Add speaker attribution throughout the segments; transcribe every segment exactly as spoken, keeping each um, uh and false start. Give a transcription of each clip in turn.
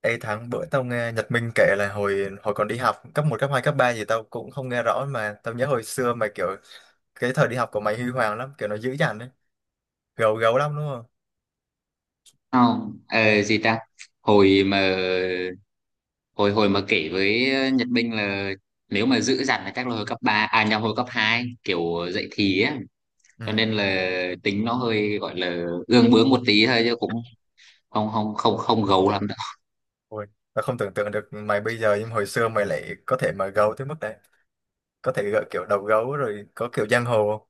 Speaker 1: Ê Thắng, bữa tao nghe Nhật Minh kể là hồi hồi còn đi học cấp một cấp hai cấp ba gì tao cũng không nghe rõ, mà tao nhớ hồi xưa mà kiểu cái thời đi học của mày huy hoàng lắm, kiểu nó dữ dằn đấy, gấu gấu lắm đúng không?
Speaker 2: Không ờ, gì ta hồi mà hồi hồi mà kể với Nhật Minh là nếu mà giữ dằn là chắc là hồi cấp ba à nhầm hồi cấp hai, kiểu dậy thì á,
Speaker 1: Ừ.
Speaker 2: cho nên là tính nó hơi gọi là gương bướng một tí thôi chứ cũng không không không không gấu lắm đâu.
Speaker 1: Ôi, tao không tưởng tượng được mày bây giờ nhưng hồi xưa mày lại có thể mà gấu tới mức đấy, có thể gợi kiểu đầu gấu rồi có kiểu giang hồ không?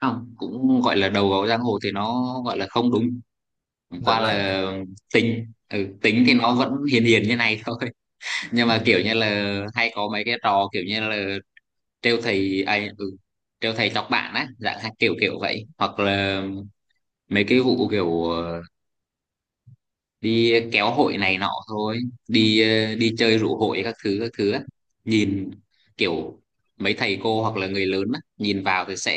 Speaker 2: Không, cũng gọi là đầu gấu giang hồ thì nó gọi là không đúng. Chẳng
Speaker 1: Lợn
Speaker 2: qua
Speaker 1: lại nè.
Speaker 2: là tính, ừ, tính thì nó vẫn hiền hiền như này thôi. Nhưng mà kiểu
Speaker 1: Ừ.
Speaker 2: như là hay có mấy cái trò kiểu như là trêu thầy ai, ừ, trêu thầy chọc bạn á dạng, hay kiểu kiểu vậy, hoặc là mấy cái vụ kiểu ờ, đi kéo hội này nọ thôi. đi ờ, Đi chơi rủ hội các thứ các thứ á. Nhìn kiểu mấy thầy cô hoặc là người lớn á nhìn vào thì sẽ,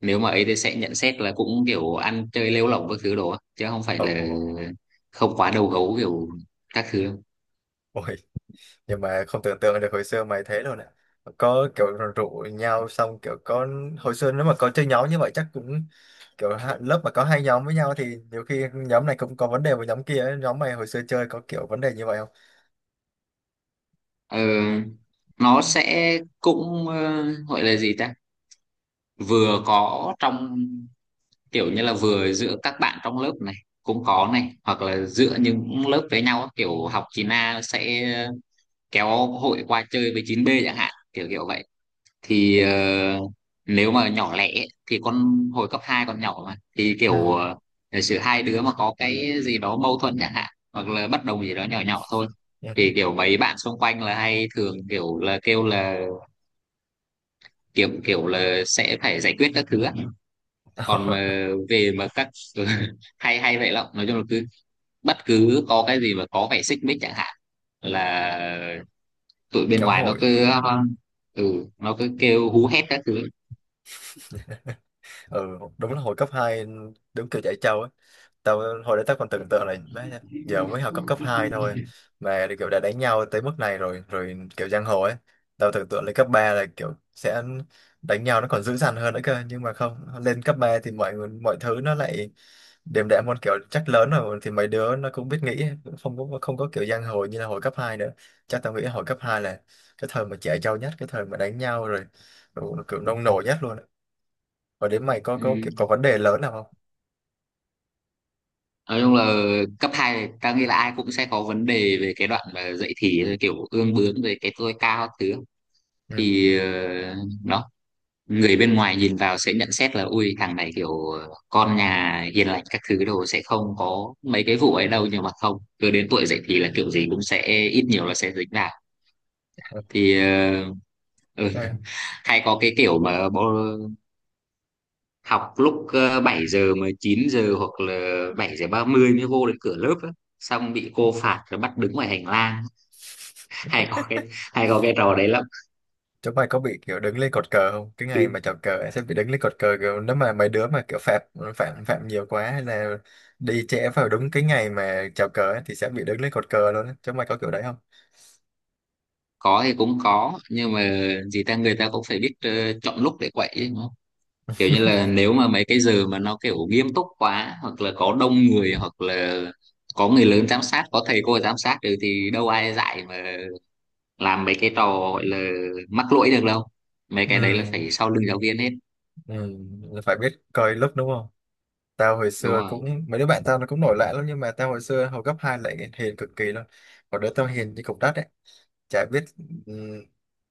Speaker 2: nếu mà ấy thì sẽ nhận xét là cũng kiểu ăn chơi lêu lỏng các thứ đồ á chứ không phải
Speaker 1: Ồ,
Speaker 2: là không quá đầu gấu kiểu các thứ.
Speaker 1: ôi, nhưng mà không tưởng tượng được hồi xưa mày thế đâu nè. Có kiểu rủ nhau xong kiểu có, hồi xưa nếu mà có chơi nhóm như vậy chắc cũng kiểu ha- lớp mà có hai nhóm với nhau thì nhiều khi nhóm này cũng có vấn đề với nhóm kia ấy. Nhóm mày hồi xưa chơi có kiểu vấn đề như vậy không?
Speaker 2: ờ, nó sẽ cũng, ờ, gọi là gì ta, vừa có trong kiểu như là vừa giữa các bạn trong lớp này cũng có này, hoặc là giữa những lớp với nhau á, kiểu học chín a sẽ kéo hội qua chơi với chín b chẳng hạn, kiểu kiểu vậy. Thì ờ, nếu mà nhỏ lẻ ấy, thì con, hồi cấp hai còn nhỏ mà thì kiểu
Speaker 1: Ừ.
Speaker 2: ờ, giả sử hai đứa mà có cái gì đó mâu thuẫn chẳng hạn, hoặc là bất đồng gì đó nhỏ nhỏ thôi, thì
Speaker 1: Dạ.
Speaker 2: kiểu mấy bạn xung quanh là hay thường kiểu là kêu là kiểu kiểu là sẽ phải giải quyết các thứ á. Còn
Speaker 1: Ờ,
Speaker 2: mà về mà các hay hay vậy lắm, nói chung là cứ bất cứ có cái gì mà có vẻ xích mích chẳng hạn là tụi bên
Speaker 1: kéo
Speaker 2: ngoài nó
Speaker 1: hội.
Speaker 2: cứ, ừ, nó cứ kêu hú hét các thứ.
Speaker 1: Ừ, đúng là hồi cấp hai, đúng kiểu chạy trâu ấy. Tao hồi đấy tao còn tưởng tượng là má, giờ mới học cấp cấp hai thôi mà kiểu đã đánh nhau tới mức này rồi, rồi kiểu giang hồ ấy. Tao tưởng tượng lên cấp ba là kiểu sẽ đánh nhau nó còn dữ dằn hơn nữa cơ, nhưng mà không, lên cấp ba thì mọi người- mọi thứ nó lại đềm đạm hơn, kiểu chắc lớn rồi thì mấy đứa nó cũng biết nghĩ, cũng không có không có kiểu giang hồ như là hồi cấp hai nữa. Chắc tao nghĩ hồi cấp hai là cái thời mà trẻ trâu nhất, cái thời mà đánh nhau rồi, rồi kiểu nông nổi nhất luôn. Và đến mày có có
Speaker 2: Ừ.
Speaker 1: kiểu có vấn đề lớn nào không?
Speaker 2: Nói chung là cấp hai này, ta nghĩ là ai cũng sẽ có vấn đề về cái đoạn mà dậy thì kiểu ương bướng về cái tôi cao các thứ. Thì ờ, đó, người bên ngoài nhìn vào sẽ nhận xét là ui thằng này kiểu con nhà hiền lành các thứ đồ sẽ không có mấy cái vụ ấy đâu, nhưng mà không, cứ đến tuổi dậy thì là kiểu gì cũng sẽ ít nhiều là sẽ dính vào. thì ờ, ừ,
Speaker 1: Ừ.
Speaker 2: Hay có cái kiểu mà bố- học lúc ờ, bảy giờ mà chín giờ hoặc là bảy giờ ba mươi mới vô đến cửa lớp á, xong bị cô phạt rồi bắt đứng ngoài hành lang. hay có cái Hay có cái trò đấy lắm.
Speaker 1: Chúng mày có bị kiểu đứng lên cột cờ không? Cái ngày mà chào cờ ấy sẽ bị đứng lên cột cờ, kiểu nếu mà mấy đứa mà kiểu phạm phạm phạm nhiều quá hay là đi trễ vào đúng cái ngày mà chào cờ ấy, thì sẽ bị đứng lên cột cờ luôn ấy. Chúng mày có kiểu đấy không?
Speaker 2: Có thì cũng có, nhưng mà gì ta, người ta cũng phải biết ờ, chọn lúc để quậy chứ. Kiểu như là nếu mà mấy cái giờ mà nó kiểu nghiêm túc quá, hoặc là có đông người, hoặc là có người lớn giám sát, có thầy cô giám sát được thì đâu ai dạy mà làm mấy cái trò gọi là mắc lỗi được đâu. Mấy cái đấy là
Speaker 1: Ừ,
Speaker 2: phải sau lưng giáo viên hết.
Speaker 1: ừ, phải biết coi lúc đúng không? Tao hồi
Speaker 2: Đúng
Speaker 1: xưa
Speaker 2: không?
Speaker 1: cũng mấy đứa bạn tao nó cũng nổi loạn lắm nhưng mà tao hồi xưa hồi cấp hai lại hiền cực kỳ luôn. Còn đứa tao hiền như cục đất ấy. Chả biết, ừm,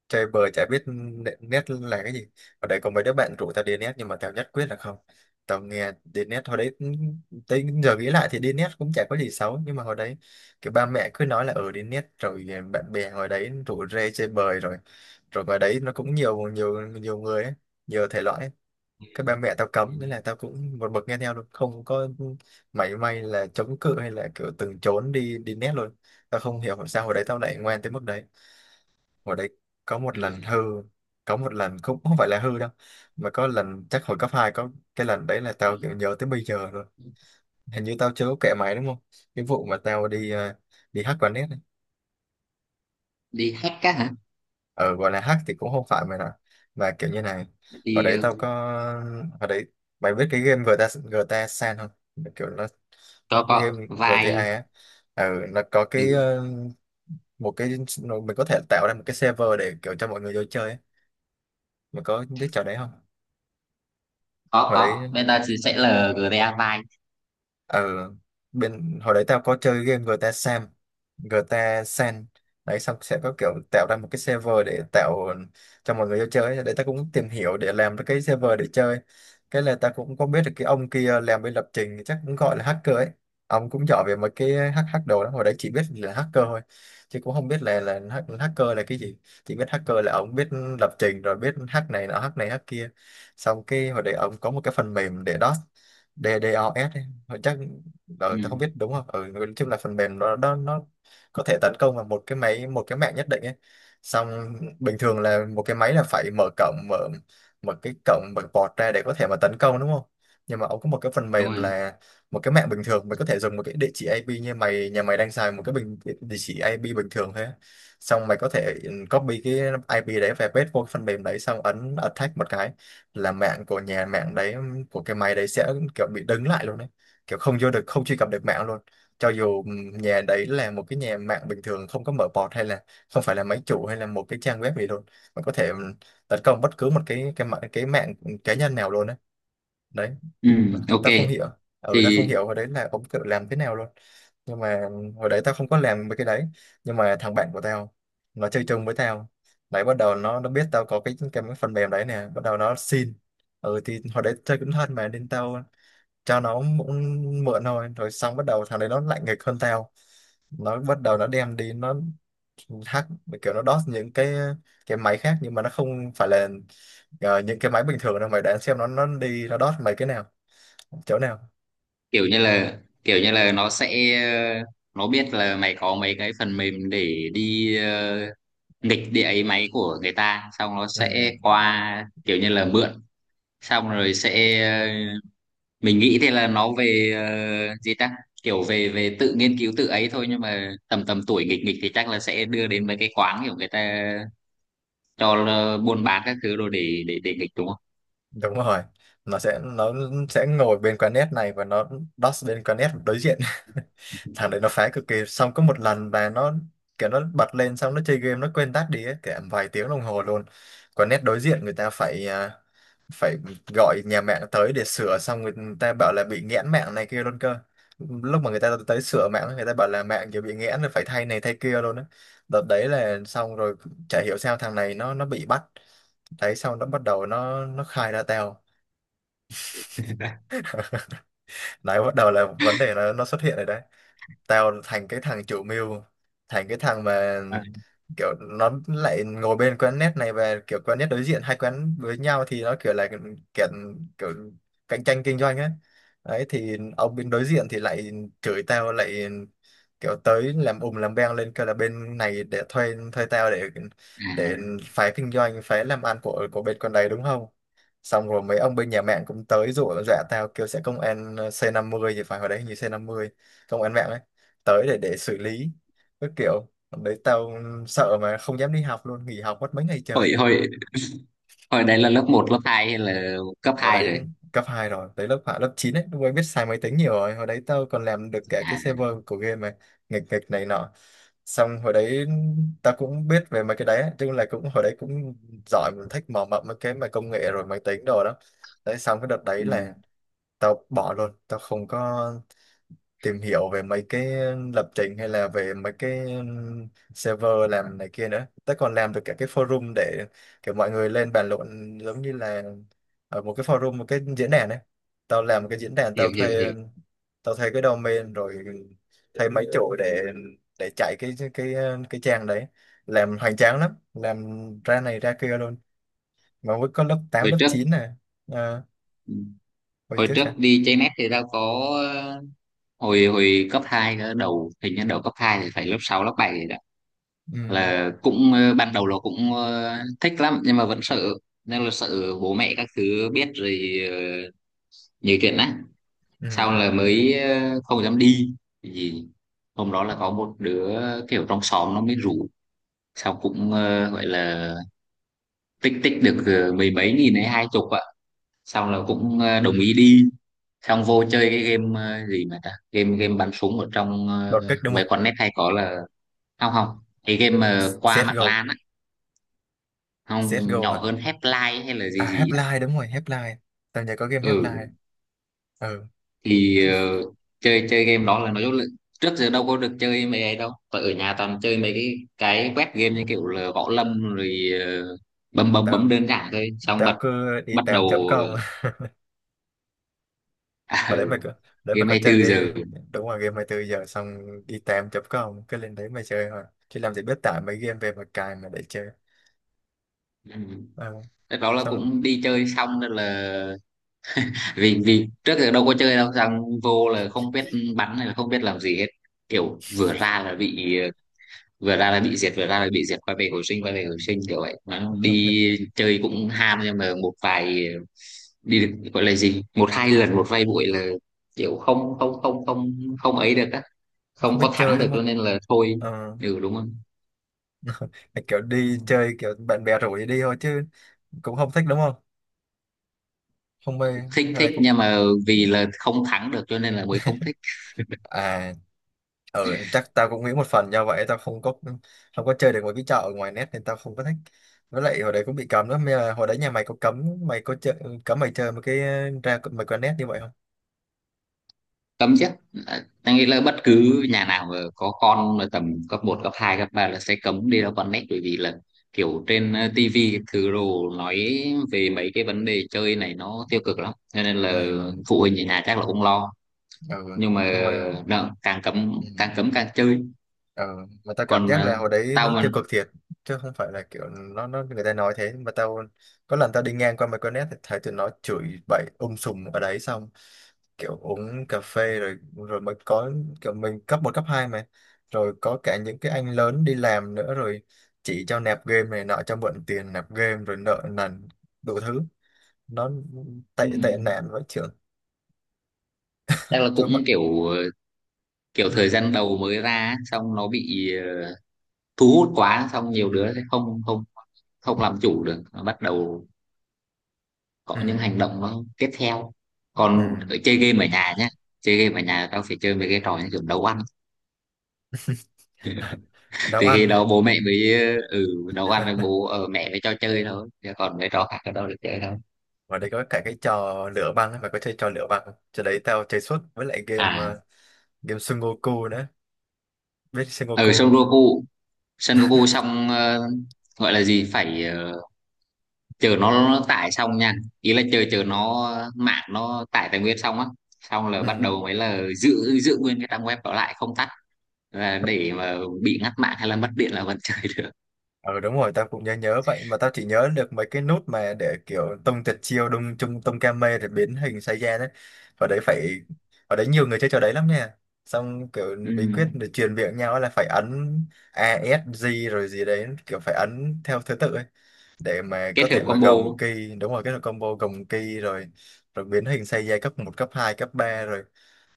Speaker 1: chơi bời chả biết nệ- nét là cái gì. Ở đây có mấy đứa bạn rủ tao đi nét nhưng mà tao nhất quyết là không. Tao nghe đi nét hồi đấy cũng, tới giờ nghĩ lại thì đi nét cũng chả có gì xấu, nhưng mà hồi đấy kiểu ba mẹ cứ nói là ở đi nét rồi bạn bè hồi đấy rủ rê chơi bời rồi, rồi ngoài đấy nó cũng nhiều nhiều nhiều người ấy, nhiều thể loại ấy. Cái ba mẹ tao
Speaker 2: Ừ.
Speaker 1: cấm nên là tao cũng một mực nghe theo luôn, không có mảy may là chống cự hay là kiểu từng trốn đi đi nét luôn. Tao không hiểu sao hồi đấy tao lại ngoan tới mức đấy. Hồi đấy có một lần hư,
Speaker 2: Ừ.
Speaker 1: có một lần cũng không phải là hư đâu, mà có lần chắc hồi cấp hai, có cái lần đấy là
Speaker 2: Ừ.
Speaker 1: tao kiểu nhớ tới bây giờ rồi. Hình như tao chưa có kể mày đúng không, cái vụ mà tao đi ờ, đi hack quán net ấy.
Speaker 2: Đi hack á hả?
Speaker 1: Ờ, gọi là hack thì cũng không phải mày nào, mà kiểu như này. Hồi
Speaker 2: đi
Speaker 1: đấy
Speaker 2: ờ,
Speaker 1: tao có, hồi đấy mày biết cái game giê tê a giê tê a San không? Kiểu nó nó
Speaker 2: có
Speaker 1: cái
Speaker 2: có
Speaker 1: game giê tê a
Speaker 2: vai.
Speaker 1: á. Ừ, nó có
Speaker 2: Ừ,
Speaker 1: cái ờ, một cái, nó- mình có thể tạo ra một cái server để kiểu cho mọi người vô chơi ấy. Mày có biết trò đấy không?
Speaker 2: có
Speaker 1: Hồi
Speaker 2: có
Speaker 1: đấy,
Speaker 2: bây giờ thì sẽ là giê đê a vai.
Speaker 1: ừ, bên hồi đấy tao có chơi game giê tê a Sam, giê tê a San đấy, xong sẽ có kiểu tạo ra một cái server để tạo cho mọi người vô chơi đấy. Tao cũng tìm hiểu để làm được cái server để chơi. Cái là tao cũng có biết được cái ông kia làm bên lập trình chắc cũng gọi là hacker ấy. Ông cũng giỏi về mấy cái hack hack đồ đó, hồi đấy chỉ biết là hacker thôi chứ cũng không biết là là hack- hacker là cái gì. Chỉ biết hacker là ông biết lập trình rồi biết hack này nọ, hack này hack kia. Xong cái hồi đấy ông có một cái phần mềm để đó, DDoS họ chắc.
Speaker 2: Ừ.
Speaker 1: Ờ, tao không biết đúng không. Ừ, nói chung là phần mềm đó, đó nó có thể tấn công vào một cái máy, một cái mạng nhất định ấy. Xong bình thường là một cái máy là phải mở cổng, mở một cái cổng mở port ra để có thể mà tấn công đúng không. Nhưng mà ông có một cái phần
Speaker 2: Đúng
Speaker 1: mềm
Speaker 2: rồi.
Speaker 1: là một cái mạng bình thường mới có thể dùng. Một cái địa chỉ i pê như mày, nhà mày đang xài một cái bình địa chỉ i pê bình thường thôi á. Xong mày có thể ừ, copy cái i pê đấy về paste vô cái phần mềm đấy xong ấn attack một cái là mạng của nhà mạng đấy, của cái máy đấy sẽ kiểu bị đứng lại luôn đấy, kiểu không vô được, không truy cập được mạng luôn. Cho dù ừm, nhà đấy là một cái nhà mạng bình thường không có mở port hay là không phải là máy chủ hay là một cái trang web gì luôn, mình có thể ừm, tấn công bất cứ một cái cái mạng cái mạng cá nhân nào luôn đấy. Đấy.
Speaker 2: Ừ. Ok.
Speaker 1: Ta không hiểu, ừ ta không
Speaker 2: Thì
Speaker 1: hiểu hồi đấy là ông tự làm thế nào luôn. Nhưng mà hồi đấy tao không có làm mấy cái đấy, nhưng mà thằng bạn của tao, nó chơi chung với tao đấy, bắt đầu nó nó biết tao có cái cái phần mềm đấy nè, bắt đầu nó xin. Ừ thì hồi đấy chơi cũng thân mà nên tao cho nó cũng mượn thôi. Rồi xong bắt đầu thằng đấy nó lạnh nghịch hơn tao, nó bắt đầu nó đem đi, nó hack, kiểu nó đốt những cái cái máy khác, nhưng mà nó không phải là ờ, những cái máy bình thường đâu. Mày đoán xem nó nó đi nó đốt mấy cái nào, chỗ nào?
Speaker 2: kiểu như là, kiểu như là nó sẽ ờ, nó biết là mày có mấy cái phần mềm để đi ờ, nghịch địa ấy máy của người ta, xong nó
Speaker 1: Ừ,
Speaker 2: sẽ qua kiểu như là mượn, xong rồi sẽ ờ, mình nghĩ thì là nó về ờ, gì ta kiểu về về tự nghiên cứu tự ấy thôi, nhưng mà tầm tầm tuổi nghịch nghịch thì chắc là sẽ đưa đến mấy cái quán kiểu người ta cho là buôn bán các thứ rồi để để để nghịch, đúng không?
Speaker 1: đúng rồi. Nó sẽ, nó sẽ ngồi bên quán net này và nó đốt bên quán net đối diện. Thằng đấy nó phá cực kỳ. Xong có một lần và nó kiểu nó bật lên xong nó chơi game nó quên tắt đi ấy, cả vài tiếng đồng hồ luôn. Còn net đối diện người ta phải à, phải gọi nhà mạng tới để sửa. Xong người ta bảo là bị nghẽn mạng này kia luôn cơ. Lúc mà người ta tới sửa mạng, người ta bảo là mạng kia bị nghẽn rồi, phải thay này thay kia luôn á. Đợt đấy là xong rồi. Chả hiểu sao thằng này nó nó bị bắt. Đấy xong nó bắt đầu nó nó khai ra tao. Đấy, bắt đầu là vấn đề nó nó xuất hiện rồi đấy. Tao thành cái thằng chủ mưu, thành cái thằng mà,
Speaker 2: À.
Speaker 1: kiểu nó lại ngồi bên quán net này và kiểu quán net đối diện hai quán với nhau thì nó kiểu là kiểu, kiểu cạnh tranh kinh doanh ấy. Đấy thì ông bên đối diện thì lại chửi tao lại, kiểu tới làm ùm làm beng lên, kêu là bên này để thuê thuê tao để để
Speaker 2: À.
Speaker 1: phá kinh doanh, phá làm ăn của của bên con đấy đúng không. Xong rồi mấy ông bên nhà mạng cũng tới dụ dọa tao, kêu sẽ công an ờ, xê năm không thì phải, hồi đấy hình như xê năm không, công an mạng ấy, tới để để xử lý. Cái kiểu hôm đấy tao sợ mà không dám đi học luôn, nghỉ học mất mấy ngày
Speaker 2: hồi
Speaker 1: trời.
Speaker 2: hồi hồi đấy là lớp một lớp hai hay là cấp
Speaker 1: Hồi
Speaker 2: hai
Speaker 1: đấy
Speaker 2: rồi?
Speaker 1: cấp hai rồi tới lớp hạ lớp chín ấy, lúc ấy biết xài máy tính nhiều rồi. Hồi đấy tao còn làm được cả cái
Speaker 2: À.
Speaker 1: server của game mà, nghịch nghịch này nọ. Xong hồi đấy tao cũng biết về mấy cái đấy chứ, là cũng hồi đấy cũng giỏi, mình thích mò mẫm mấy cái mà công nghệ rồi máy tính đồ đó. Đấy xong cái đợt đấy
Speaker 2: Ừ.
Speaker 1: là tao bỏ luôn, tao không có tìm hiểu về mấy cái lập trình hay là về mấy cái um, server làm này kia nữa. Tao còn làm được cả cái forum để kiểu mọi người lên bàn luận, giống như là ở một cái forum, một cái diễn đàn ấy. Tao làm cái diễn đàn, tao
Speaker 2: hiểu hiểu
Speaker 1: thuê,
Speaker 2: hiểu.
Speaker 1: tao thuê cái domain rồi thuê mấy chỗ để để chạy cái cái cái trang đấy. Làm hoành tráng lắm, làm ra này ra kia luôn mà mới có lớp tám
Speaker 2: Hồi
Speaker 1: lớp
Speaker 2: trước.
Speaker 1: chín này à. Ờ,
Speaker 2: Ừ.
Speaker 1: hồi
Speaker 2: Hồi
Speaker 1: trước
Speaker 2: trước
Speaker 1: sao.
Speaker 2: đi chơi net thì tao có ờ, hồi hồi cấp hai cơ, đầu hình như đầu cấp hai thì phải lớp sáu lớp bảy rồi đó,
Speaker 1: Ừ.
Speaker 2: là cũng ờ, ban đầu là cũng ờ, thích lắm nhưng mà vẫn sợ, nên là sợ bố mẹ các thứ biết rồi ờ, nhiều chuyện á, sau
Speaker 1: Ừ.
Speaker 2: là mới ờ, không dám đi. Gì, hôm đó là có một đứa kiểu trong xóm nó mới rủ, sau cũng ờ, gọi là tích tích được ờ, mười mấy nghìn hay hai chục ạ, xong là cũng ờ, đồng ý đi. Xong vô chơi cái game ờ, gì mà ta, game game bắn súng ở trong ờ,
Speaker 1: Đột kích đúng
Speaker 2: mấy
Speaker 1: không?
Speaker 2: con net hay có là, không không, cái game mà qua mạng
Speaker 1: xê ét giê o.
Speaker 2: LAN á. Không,
Speaker 1: xê ét giê o
Speaker 2: nhỏ
Speaker 1: hả?
Speaker 2: hơn, Half-Life hay là
Speaker 1: À,
Speaker 2: gì gì á.
Speaker 1: Half-Life, đúng rồi, Half-Life, tao nhớ có game Half-Life.
Speaker 2: Ừ
Speaker 1: Ừ.
Speaker 2: thì ờ, chơi chơi game đó là, nói chung là trước giờ đâu có được chơi mấy ấy đâu, và ở nhà toàn chơi mấy cái cái web game như kiểu là gõ lâm rồi ờ, bấm bấm bấm
Speaker 1: tao
Speaker 2: đơn giản thôi, xong bật
Speaker 1: tao cứ đi
Speaker 2: bắt đầu.
Speaker 1: tám chấm công.
Speaker 2: À,
Speaker 1: Hồi đấy mày có, để mày
Speaker 2: game
Speaker 1: có
Speaker 2: hai mươi
Speaker 1: chơi
Speaker 2: tư
Speaker 1: cái,
Speaker 2: giờ
Speaker 1: đúng rồi, game 24 giờ. Xong đi tám chấm công cứ lên đấy mà chơi thôi, chứ làm gì biết tải mấy game về mà cài mà để chơi.
Speaker 2: Ừ.
Speaker 1: Ừ.
Speaker 2: Rất đó là
Speaker 1: Xong
Speaker 2: cũng đi chơi xong rồi là, vì vì trước giờ đâu có chơi đâu, xong vô là không biết bắn hay là không biết làm gì hết, kiểu vừa ra là bị, vừa ra là bị diệt, vừa ra là bị diệt, quay về hồi sinh, quay về hồi sinh kiểu vậy. Nó đi chơi cũng ham nhưng mà một vài, đi được gọi là gì, một hai lần, một vài buổi là kiểu không không không không không ấy được á,
Speaker 1: không
Speaker 2: không
Speaker 1: biết
Speaker 2: có
Speaker 1: chơi
Speaker 2: thắng
Speaker 1: đúng
Speaker 2: được
Speaker 1: không?
Speaker 2: cho nên là thôi.
Speaker 1: Ờ,
Speaker 2: Ừ, đúng không.
Speaker 1: kiểu đi chơi kiểu bạn bè rủ thì đi thôi chứ cũng không thích đúng không, không mê,
Speaker 2: Thích
Speaker 1: hay là
Speaker 2: thích
Speaker 1: cũng,
Speaker 2: nhưng mà vì là không thắng được cho nên là mới không thích.
Speaker 1: à, ừ chắc tao cũng nghĩ một phần do vậy tao không có không có chơi được một cái chợ ở ngoài net nên tao không có thích. Với lại hồi đấy cũng bị cấm lắm. Mới là hồi đấy nhà mày có cấm mày có chơi, cấm mày chơi một cái, ờ, ra mày qua net như vậy không?
Speaker 2: Cấm chứ. À, anh nghĩ là bất cứ nhà nào mà có con là tầm cấp một cấp hai cấp ba là sẽ cấm đi ra con net, bởi vì là kiểu trên ờ, tivi thứ đồ nói về mấy cái vấn đề chơi này nó tiêu cực lắm, cho nên là
Speaker 1: Ừ,
Speaker 2: phụ huynh ở nhà chắc là cũng lo.
Speaker 1: ừ,
Speaker 2: Nhưng mà
Speaker 1: nhưng mà
Speaker 2: nợ, càng cấm
Speaker 1: ừ.
Speaker 2: càng cấm càng chơi.
Speaker 1: Ờ, mà tao cảm
Speaker 2: Còn
Speaker 1: giác là
Speaker 2: ờ,
Speaker 1: hồi đấy
Speaker 2: tao
Speaker 1: nó
Speaker 2: mà,
Speaker 1: tiêu cực thiệt, chứ không phải là kiểu nó nó người ta nói thế mà tao, có lần tao đi ngang qua mấy con nét thì thấy tụi nó chửi bậy um sùm ở đấy, xong kiểu uống cà phê rồi, rồi mới có kiểu mình cấp một cấp hai mà, rồi có cả những cái anh lớn đi làm nữa, rồi chỉ cho nạp game này nọ, cho mượn tiền nạp game rồi nợ nần đủ thứ. Nó tệ
Speaker 2: ừ,
Speaker 1: tệ nạn với trưởng
Speaker 2: chắc là
Speaker 1: chúa mà.
Speaker 2: cũng kiểu ờ, kiểu thời
Speaker 1: Ừ,
Speaker 2: gian đầu mới ra á, xong nó bị ờ, thu hút quá, xong nhiều đứa sẽ không không không làm chủ được, bắt đầu có những
Speaker 1: ừ,
Speaker 2: hành động nó tiếp theo. Còn
Speaker 1: ừ.
Speaker 2: ở chơi game ở nhà nhá, chơi game ở nhà tao phải chơi mấy cái trò như kiểu nấu ăn.
Speaker 1: Nấu
Speaker 2: Thì
Speaker 1: ăn.
Speaker 2: khi đó bố mẹ mới, ừ, nấu ăn với bố ở mẹ mới cho chơi thôi, chứ còn mấy trò khác ở đâu được chơi đâu.
Speaker 1: Ngoài đây có cả cái trò lửa băng ấy, mày có chơi trò lửa băng không? Trò đấy tao chơi suốt, với lại game
Speaker 2: À,
Speaker 1: ờ, game Sudoku nữa. Biết Sudoku
Speaker 2: ở
Speaker 1: không?
Speaker 2: sân Goku, xong ờ, gọi là gì, phải ờ, chờ nó, nó tải xong nha, ý là chờ chờ nó, mạng nó tải tài nguyên xong á, xong là bắt
Speaker 1: Ừ.
Speaker 2: đầu mới là giữ giữ nguyên cái trang web đó lại không tắt, và để mà bị ngắt mạng hay là mất điện là vẫn chơi được.
Speaker 1: Ờ đúng rồi, tao cũng nhớ nhớ vậy, mà tao chỉ nhớ được mấy cái nút mà để kiểu tung tuyệt chiêu đung chung tung kame rồi biến hình sai ra đấy. Và đấy phải, và đấy nhiều người chơi trò đấy lắm nha. Xong kiểu
Speaker 2: Ừ.
Speaker 1: bí quyết để truyền miệng nhau là phải ấn A S G rồi gì đấy, kiểu phải ấn theo thứ tự ấy, để mà
Speaker 2: Kết
Speaker 1: có
Speaker 2: hợp
Speaker 1: thể mà
Speaker 2: combo.
Speaker 1: gồng ki, đúng rồi, cái là combo gồng ki rồi rồi biến hình xây dây cấp một cấp hai cấp ba rồi.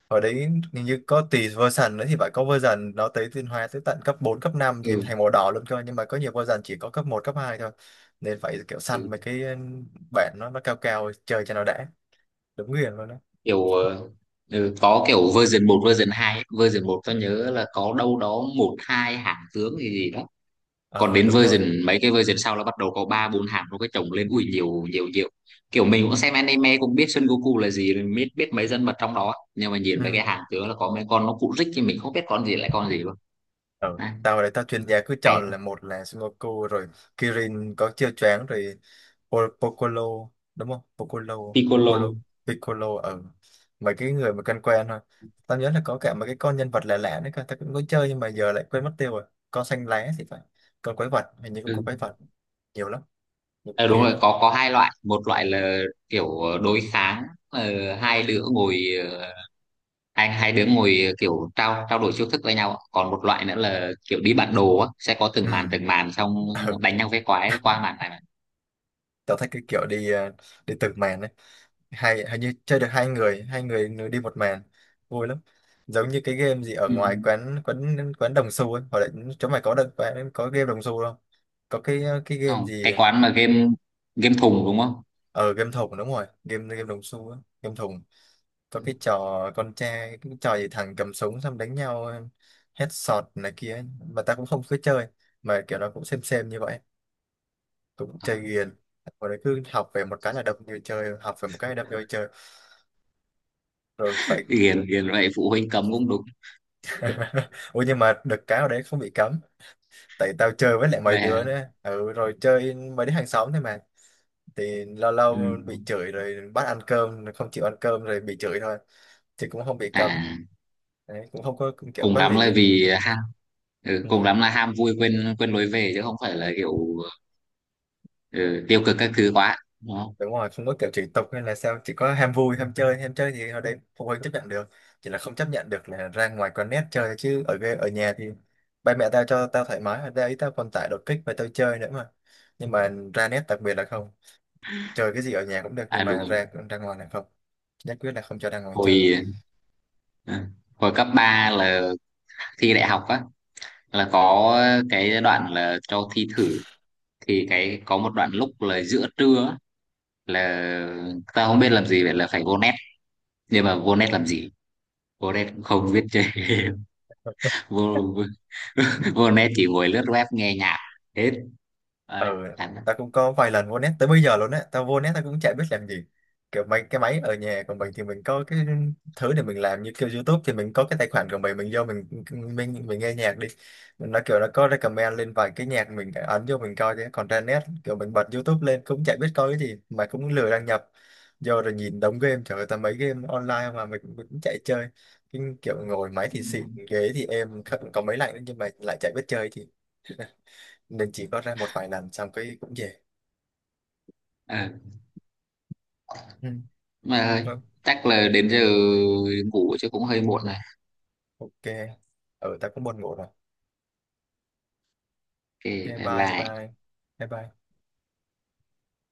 Speaker 1: Hồi đấy hình như có tùy version nữa thì phải, có version nó tới tiến hóa tới tận cấp bốn cấp năm gì
Speaker 2: Ừ.
Speaker 1: thành màu đỏ luôn cơ, nhưng mà có nhiều version chỉ có cấp một cấp hai thôi, nên phải kiểu
Speaker 2: Ừ.
Speaker 1: săn mấy cái, ừ, bản nó nó cao cao chơi cho nó đã. Đúng nghiền luôn đó.
Speaker 2: Kiểu ờ, ừ, có kiểu version một version hai ấy. Version một tôi
Speaker 1: Ừ.
Speaker 2: nhớ là có đâu đó một hai hãng tướng gì gì đó. Còn
Speaker 1: Ờ
Speaker 2: đến
Speaker 1: đúng rồi.
Speaker 2: version, mấy cái version sau là bắt đầu có ba bốn hãng, nó cái chồng lên ui nhiều nhiều nhiều, kiểu mình cũng xem anime cũng biết Son Goku là gì, mình biết biết mấy nhân vật trong đó, nhưng mà nhìn mấy cái
Speaker 1: Ừ.
Speaker 2: hãng tướng là có mấy con nó cụ rích thì mình không biết con gì lại con gì luôn.
Speaker 1: Ừ.
Speaker 2: À,
Speaker 1: Tao đấy tao chuyên gia cứ
Speaker 2: hay
Speaker 1: chọn
Speaker 2: lắm.
Speaker 1: là một là Sudoku rồi Kirin có chiêu choáng rồi, Po- Piccolo đúng không? Piccolo, Piccolo,
Speaker 2: Piccolo.
Speaker 1: Piccolo, ừ. Mấy cái người mà quen quen thôi. Tao nhớ là có cả mấy cái con nhân vật lạ lạ nữa cơ, tao cũng có chơi nhưng mà giờ lại quên mất tiêu rồi. Con xanh lá thì phải. Con quái vật, hình như cũng có
Speaker 2: Ừ.
Speaker 1: quái vật, nhiều lắm, nhiều
Speaker 2: À,
Speaker 1: kỳ
Speaker 2: đúng rồi,
Speaker 1: lắm.
Speaker 2: có có hai loại, một loại là kiểu ờ, đối kháng, ờ, hai đứa ngồi ờ, anh hai đứa ngồi kiểu trao trao đổi chiêu thức với nhau, còn một loại nữa là kiểu đi bản đồ á, sẽ có từng
Speaker 1: Ừ.
Speaker 2: màn từng màn, xong
Speaker 1: Ừ.
Speaker 2: đánh nhau với quái qua màn này mà.
Speaker 1: Tao thích cái kiểu đi ờ, đi từng màn ấy, hay hình như chơi được hai người, hai người nửa đi một màn vui lắm, giống như cái game gì ở
Speaker 2: Ừ.
Speaker 1: ngoài quán quán quán đồng xu ấy, hoặc là chỗ mày có được quán- có game đồng xu không, có cái cái game
Speaker 2: Không,
Speaker 1: gì
Speaker 2: cái quán mà game, game thùng đúng không.
Speaker 1: ở game thùng, đúng rồi, game game đồng xu á, game thùng, có cái trò con trai, cái trò gì thằng cầm súng xong đánh nhau, headshot này kia ấy, mà ta cũng không cứ chơi mà kiểu nó cũng xem xem như vậy, cũng chơi ghiền, rồi cứ học về một cái là đập người chơi, học về một cái đập người chơi, rồi phải.
Speaker 2: Hiền hiền vậy phụ huynh cấm cũng đúng.
Speaker 1: Ủa nhưng mà được cái ở đấy không bị cấm. Tại tao chơi với lại mấy
Speaker 2: Vậy à.
Speaker 1: đứa nữa, ừ, rồi chơi mấy đứa hàng xóm thôi mà. Thì lâu lâu
Speaker 2: Ừ.
Speaker 1: bị chửi rồi bắt ăn cơm, không chịu ăn cơm rồi bị chửi thôi. Thì cũng không bị cấm
Speaker 2: À,
Speaker 1: đấy. Cũng không có, cũng kiểu
Speaker 2: cùng
Speaker 1: có
Speaker 2: lắm là
Speaker 1: lý.
Speaker 2: vì ham, ừ, cùng
Speaker 1: Ừ.
Speaker 2: lắm là ham vui quên quên lối về chứ không phải là kiểu, ừ, tiêu cực các thứ quá đúng không.
Speaker 1: Đúng rồi, không có kiểu chửi tục hay là sao, chỉ có ham vui ham chơi, ham chơi thì ở đấy phụ huynh chấp nhận được. Chỉ là không chấp nhận được là ra ngoài con nét chơi, chứ ở ghê-, ở nhà thì ba mẹ tao cho tao thoải mái. Ở đây tao còn tải đột kích và tao chơi nữa mà. Nhưng mà ra nét đặc biệt là không, chơi cái gì ở nhà cũng được, nhưng
Speaker 2: À đúng
Speaker 1: mà
Speaker 2: rồi.
Speaker 1: ra ra ngoài là không, nhất quyết là không cho ra ngoài chơi.
Speaker 2: hồi ừ, Hồi cấp ba là thi đại học á, là có cái đoạn là cho thi thử, thì cái có một đoạn lúc là giữa trưa á, là ta không biết làm gì, vậy là phải vô net. Nhưng mà vô net làm gì, vô net cũng không biết chơi game. vô vô, Vô net chỉ ngồi lướt web nghe nhạc hết.
Speaker 1: Ừ,
Speaker 2: Đấy, chán lắm.
Speaker 1: tao cũng có vài lần vô net tới bây giờ luôn á, tao vô net tao cũng chả biết làm gì. Kiểu mấy cái máy ở nhà của mình thì mình có cái thứ để mình làm, như kiểu YouTube thì mình có cái tài khoản của mình mình vô mình mình mình nghe nhạc đi, nó kiểu nó có recommend lên vài cái nhạc mình ấn vô mình coi, chứ còn trên net kiểu mình bật YouTube lên cũng chả biết coi cái gì mà cũng lười đăng nhập, vô rồi nhìn đống game, trời ơi, tao mấy game online mà mình, mình cũng chạy chơi, cái kiểu ngồi máy thì xịn, ghế thì êm, có có mấy lạnh nhưng mà lại chả biết chơi thì, nên chỉ có ra một vài lần xong cái cũng về.
Speaker 2: Ờ,
Speaker 1: Ừ.
Speaker 2: mà thôi,
Speaker 1: Vâng,
Speaker 2: chắc là đến giờ ngủ chứ cũng hơi muộn rồi.
Speaker 1: ok. Ừ, ta cũng buồn ngủ rồi.
Speaker 2: Ok,
Speaker 1: Ok,
Speaker 2: bye
Speaker 1: bye
Speaker 2: bye.
Speaker 1: bye. Bye bye.